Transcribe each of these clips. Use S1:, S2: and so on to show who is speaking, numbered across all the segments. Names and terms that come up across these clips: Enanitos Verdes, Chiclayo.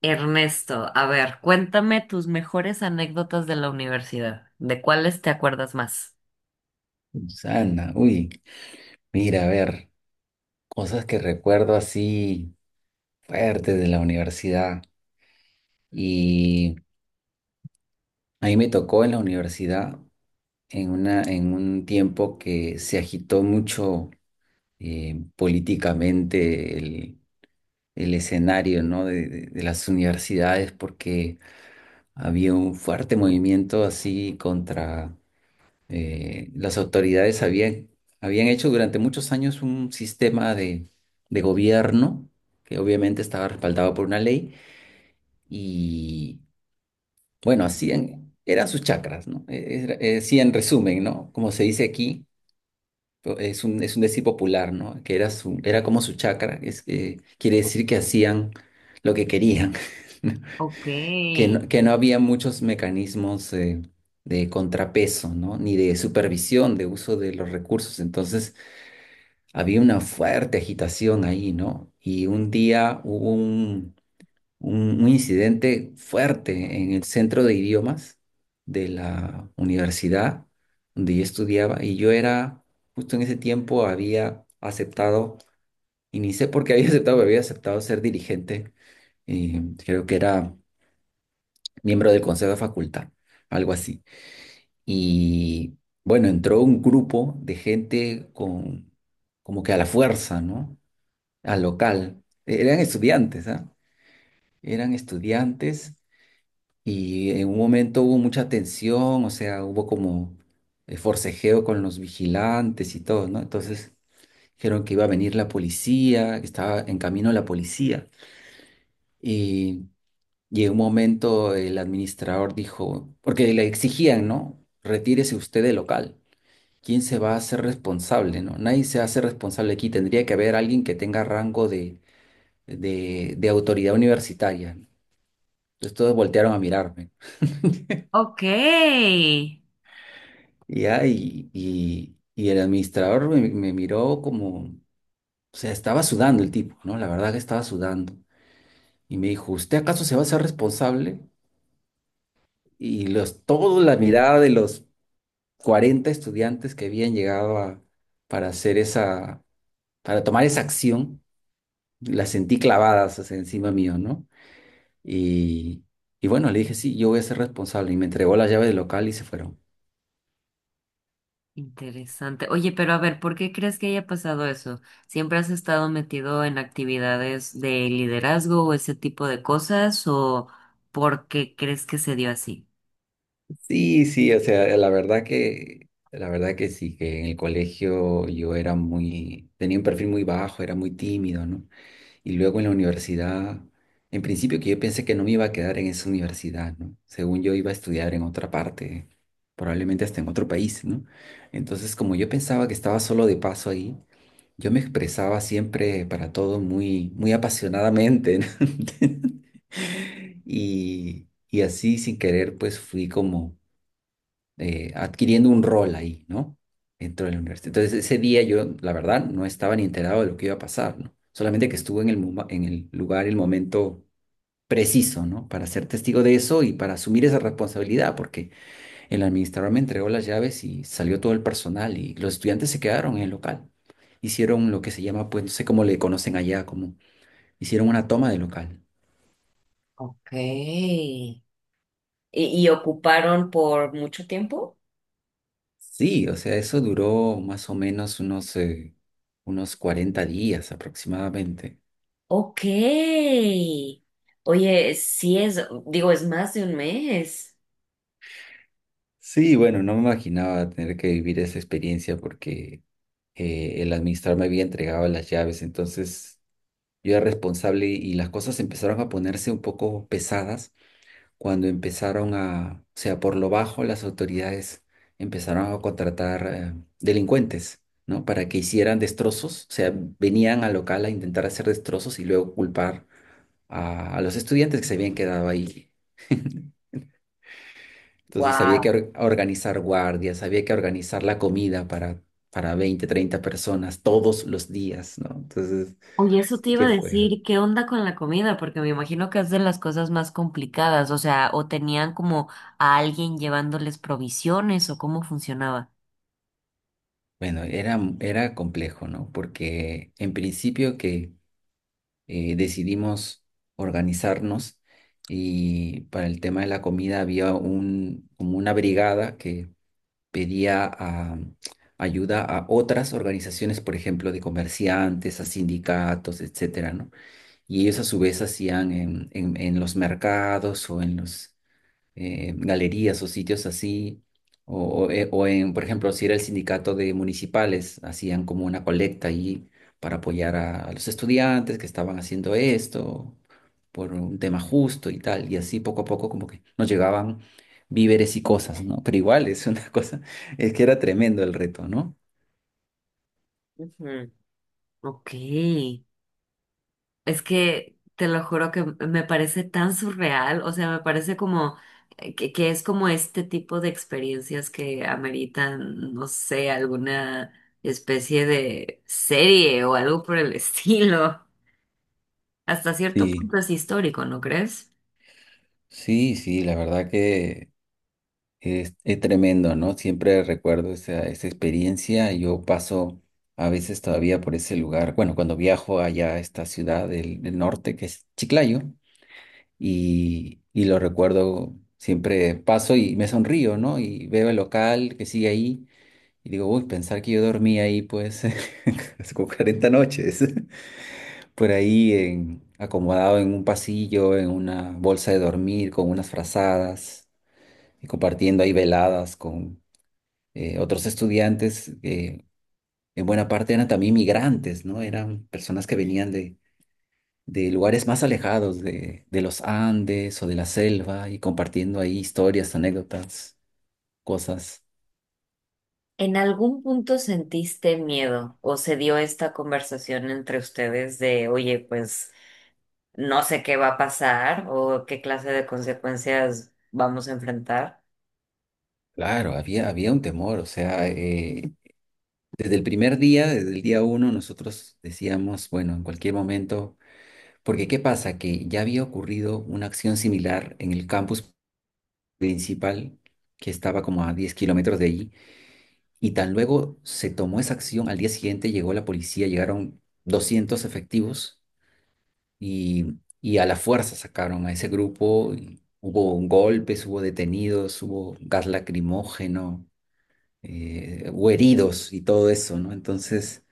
S1: Ernesto, a ver, cuéntame tus mejores anécdotas de la universidad. ¿De cuáles te acuerdas más?
S2: Susana, uy, mira, a ver, cosas que recuerdo así fuertes de la universidad. Y a mí me tocó en la universidad en un tiempo que se agitó mucho, políticamente el escenario, ¿no?, de las universidades, porque había un fuerte movimiento así contra, las autoridades habían hecho durante muchos años un sistema de gobierno que obviamente estaba respaldado por una ley. Y bueno, hacían, eran sus chacras, ¿no? Sí, en resumen, ¿no? Como se dice aquí, es un decir popular, ¿no? Que era, su, era como su chacra, es, que quiere decir que hacían lo que querían.
S1: Ok,
S2: Que no había muchos mecanismos de contrapeso, ¿no? Ni de supervisión de uso de los recursos. Entonces, había una fuerte agitación ahí, ¿no? Y un día hubo un incidente fuerte en el centro de idiomas de la universidad donde yo estudiaba. Y yo era, justo en ese tiempo, había aceptado, y ni sé por qué había aceptado, pero había aceptado ser dirigente. Creo que era miembro del consejo de facultad, algo así. Y bueno, entró un grupo de gente, con, como que a la fuerza, ¿no?, al local. Eran estudiantes, ¿ah? Eran estudiantes, y en un momento hubo mucha tensión, o sea, hubo como, forcejeo con los vigilantes y todo, ¿no? Entonces dijeron que iba a venir la policía, que estaba en camino la policía. Y, y en un momento el administrador dijo, porque le exigían, ¿no?, retírese usted del local. ¿Quién se va a hacer responsable, no? Nadie se hace responsable aquí. Tendría que haber alguien que tenga rango de autoridad universitaria. Entonces todos voltearon a mirarme.
S1: ok.
S2: Y ya, y el administrador me miró, como, o sea, estaba sudando el tipo, ¿no? La verdad que estaba sudando. Y me dijo, ¿usted acaso se va a ser responsable? Y los, toda la mirada de los 40 estudiantes que habían llegado a, para hacer esa, para tomar esa acción, las sentí clavadas, o sea, encima mío, ¿no? Y, y bueno, le dije, sí, yo voy a ser responsable. Y me entregó las llaves del local y se fueron.
S1: Interesante. Oye, pero a ver, ¿por qué crees que haya pasado eso? ¿Siempre has estado metido en actividades de liderazgo o ese tipo de cosas? ¿O por qué crees que se dio así?
S2: Sí, sí, o sea, la verdad que sí, que en el colegio yo era muy, tenía un perfil muy bajo, era muy tímido, ¿no? Y luego en la universidad, en principio, que yo pensé que no me iba a quedar en esa universidad, ¿no? Según yo iba a estudiar en otra parte, probablemente hasta en otro país, ¿no? Entonces, como yo pensaba que estaba solo de paso ahí, yo me expresaba siempre para todo muy, muy apasionadamente, ¿no? Y así, sin querer, pues fui como adquiriendo un rol ahí, ¿no?, dentro de la universidad. Entonces, ese día yo, la verdad, no estaba ni enterado de lo que iba a pasar, ¿no? Solamente que estuve en el lugar, el momento preciso, ¿no?, para ser testigo de eso y para asumir esa responsabilidad, porque el administrador me entregó las llaves y salió todo el personal y los estudiantes se quedaron en el local. Hicieron lo que se llama, pues, no sé cómo le conocen allá, como hicieron una toma del local.
S1: Ok. ¿Y ocuparon por mucho tiempo?
S2: Sí, o sea, eso duró más o menos unos 40 días aproximadamente.
S1: Ok. Oye, sí es, digo, es más de un mes.
S2: Sí, bueno, no me imaginaba tener que vivir esa experiencia porque, el administrador me había entregado las llaves, entonces yo era responsable, y las cosas empezaron a ponerse un poco pesadas cuando empezaron a, o sea, por lo bajo, las autoridades empezaron a contratar, delincuentes, ¿no?, para que hicieran destrozos, o sea, venían al local a intentar hacer destrozos y luego culpar a los estudiantes que se habían quedado ahí. Entonces había que
S1: Wow.
S2: organizar guardias, había que organizar la comida para, 20 30 personas todos los días, ¿no? Entonces,
S1: Oye, eso te
S2: sí
S1: iba a
S2: que fue?
S1: decir, ¿qué onda con la comida? Porque me imagino que es de las cosas más complicadas, o sea, o tenían como a alguien llevándoles provisiones o cómo funcionaba.
S2: Bueno, era complejo, ¿no? Porque en principio que, decidimos organizarnos, y para el tema de la comida había un, como una brigada que pedía, ayuda a otras organizaciones, por ejemplo, de comerciantes, a sindicatos, etcétera, ¿no? Y ellos a su vez hacían en los mercados o en los, galerías o sitios así, o en, por ejemplo, si era el sindicato de municipales, hacían como una colecta ahí para apoyar a los estudiantes que estaban haciendo esto por un tema justo y tal. Y así, poco a poco, como que nos llegaban víveres y cosas, ¿no? Pero igual es una cosa, es que era tremendo el reto, ¿no?
S1: Ujú. Ok. Es que te lo juro que me parece tan surreal, o sea, me parece como que es como este tipo de experiencias que ameritan, no sé, alguna especie de serie o algo por el estilo. Hasta cierto
S2: Sí,
S1: punto es histórico, ¿no crees?
S2: sí, sí, la verdad que. Es tremendo, ¿no? Siempre recuerdo esa experiencia. Yo paso a veces todavía por ese lugar. Bueno, cuando viajo allá a esta ciudad del norte, que es Chiclayo, y lo recuerdo, siempre paso y me sonrío, ¿no? Y veo el local que sigue ahí y digo, uy, pensar que yo dormí ahí, pues, hace como 40 noches, por ahí acomodado en un pasillo, en una bolsa de dormir, con unas frazadas, y compartiendo ahí veladas con, otros estudiantes que en buena parte eran también migrantes, ¿no? Eran personas que venían de lugares más alejados, de los Andes o de la selva, y compartiendo ahí historias, anécdotas, cosas.
S1: ¿En algún punto sentiste miedo o se dio esta conversación entre ustedes de, oye, pues no sé qué va a pasar o qué clase de consecuencias vamos a enfrentar?
S2: Claro, había un temor, o sea, desde el primer día, desde el día uno, nosotros decíamos, bueno, en cualquier momento, porque ¿qué pasa? Que ya había ocurrido una acción similar en el campus principal, que estaba como a 10 kilómetros de allí. Y tan luego se tomó esa acción, al día siguiente llegó la policía, llegaron 200 efectivos, y a la fuerza sacaron a ese grupo. Y hubo golpes, hubo detenidos, hubo gas lacrimógeno, hubo heridos y todo eso, ¿no? Entonces,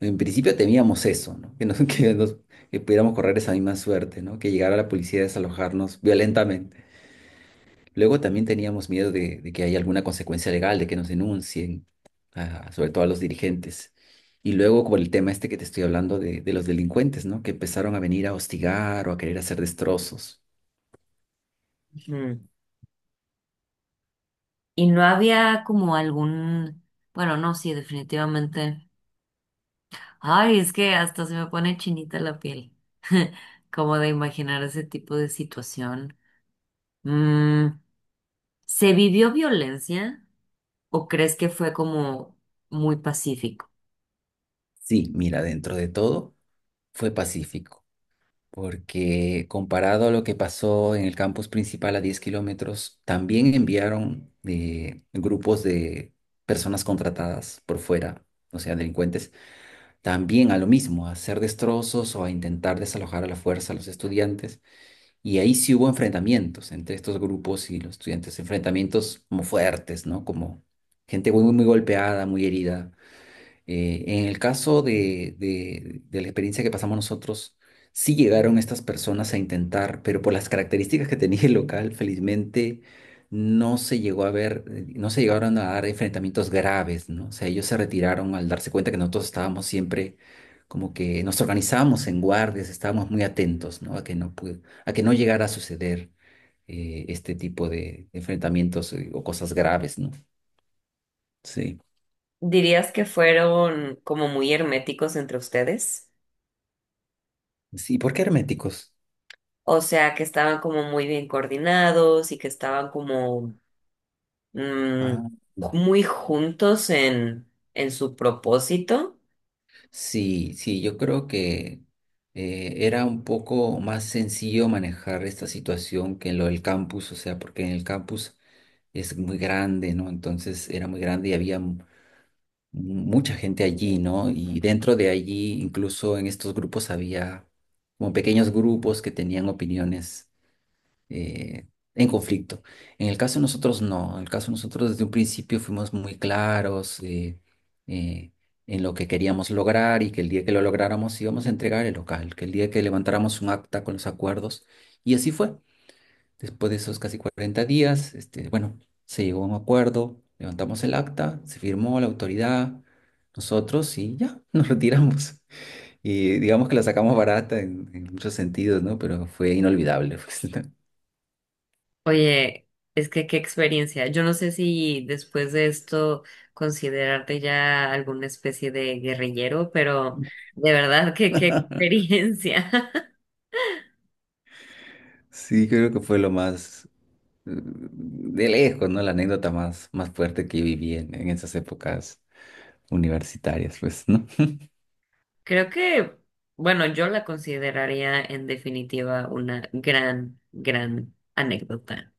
S2: en principio temíamos eso, ¿no? Que, nos, que pudiéramos correr esa misma suerte, ¿no? Que llegara la policía a desalojarnos violentamente. Luego también teníamos miedo de que haya alguna consecuencia legal, de que nos denuncien, sobre todo a los dirigentes. Y luego por el tema este que te estoy hablando de los delincuentes, ¿no?, que empezaron a venir a hostigar o a querer hacer destrozos.
S1: Y no había como algún, bueno, no, sí, definitivamente. Ay, es que hasta se me pone chinita la piel, como de imaginar ese tipo de situación. Mm, ¿se vivió violencia o crees que fue como muy pacífico?
S2: Sí, mira, dentro de todo fue pacífico, porque, comparado a lo que pasó en el campus principal a 10 kilómetros, también enviaron, grupos de personas contratadas por fuera, o sea, delincuentes, también a lo mismo, a hacer destrozos o a intentar desalojar a la fuerza a los estudiantes. Y ahí sí hubo enfrentamientos entre estos grupos y los estudiantes, enfrentamientos como fuertes, ¿no?, como gente muy, muy golpeada, muy herida. En el caso de la experiencia que pasamos nosotros, sí llegaron estas personas a intentar, pero por las características que tenía el local, felizmente no se llegó a ver, no se llegaron a dar enfrentamientos graves, ¿no? O sea, ellos se retiraron al darse cuenta que nosotros estábamos siempre como que nos organizábamos en guardias, estábamos muy atentos, ¿no?, a que a que no llegara a suceder, este tipo de enfrentamientos, o cosas graves, ¿no? Sí.
S1: ¿Dirías que fueron como muy herméticos entre ustedes?
S2: Sí, ¿por qué herméticos?
S1: O sea, que estaban como muy bien coordinados y que estaban como mm,
S2: Ah.
S1: muy juntos en su propósito.
S2: Sí, sí, yo creo que, era un poco más sencillo manejar esta situación que en lo del campus, o sea, porque en el campus es muy grande, ¿no? Entonces era muy grande y había mucha gente allí, ¿no? Y dentro de allí, incluso en estos grupos había como pequeños grupos que tenían opiniones, eh, en conflicto. En el caso de nosotros, no. En el caso de nosotros, desde un principio fuimos muy claros eh, en lo que queríamos lograr, y que el día que lo lográramos íbamos a entregar el local, que el día que levantáramos un acta con los acuerdos. Y así fue. Después de esos casi 40 días, este, bueno, se llegó a un acuerdo, levantamos el acta, se firmó la autoridad, nosotros, y ya, nos retiramos. Y digamos que la sacamos barata en muchos sentidos, ¿no? Pero fue inolvidable. pues, ¿no?
S1: Oye, es que qué experiencia. Yo no sé si después de esto considerarte ya alguna especie de guerrillero, pero de verdad que qué experiencia.
S2: Sí, creo que fue lo más, de lejos, ¿no?, la anécdota más, más fuerte que viví en esas épocas universitarias, pues, ¿no?
S1: Creo que, bueno, yo la consideraría en definitiva una gran, gran anécdota.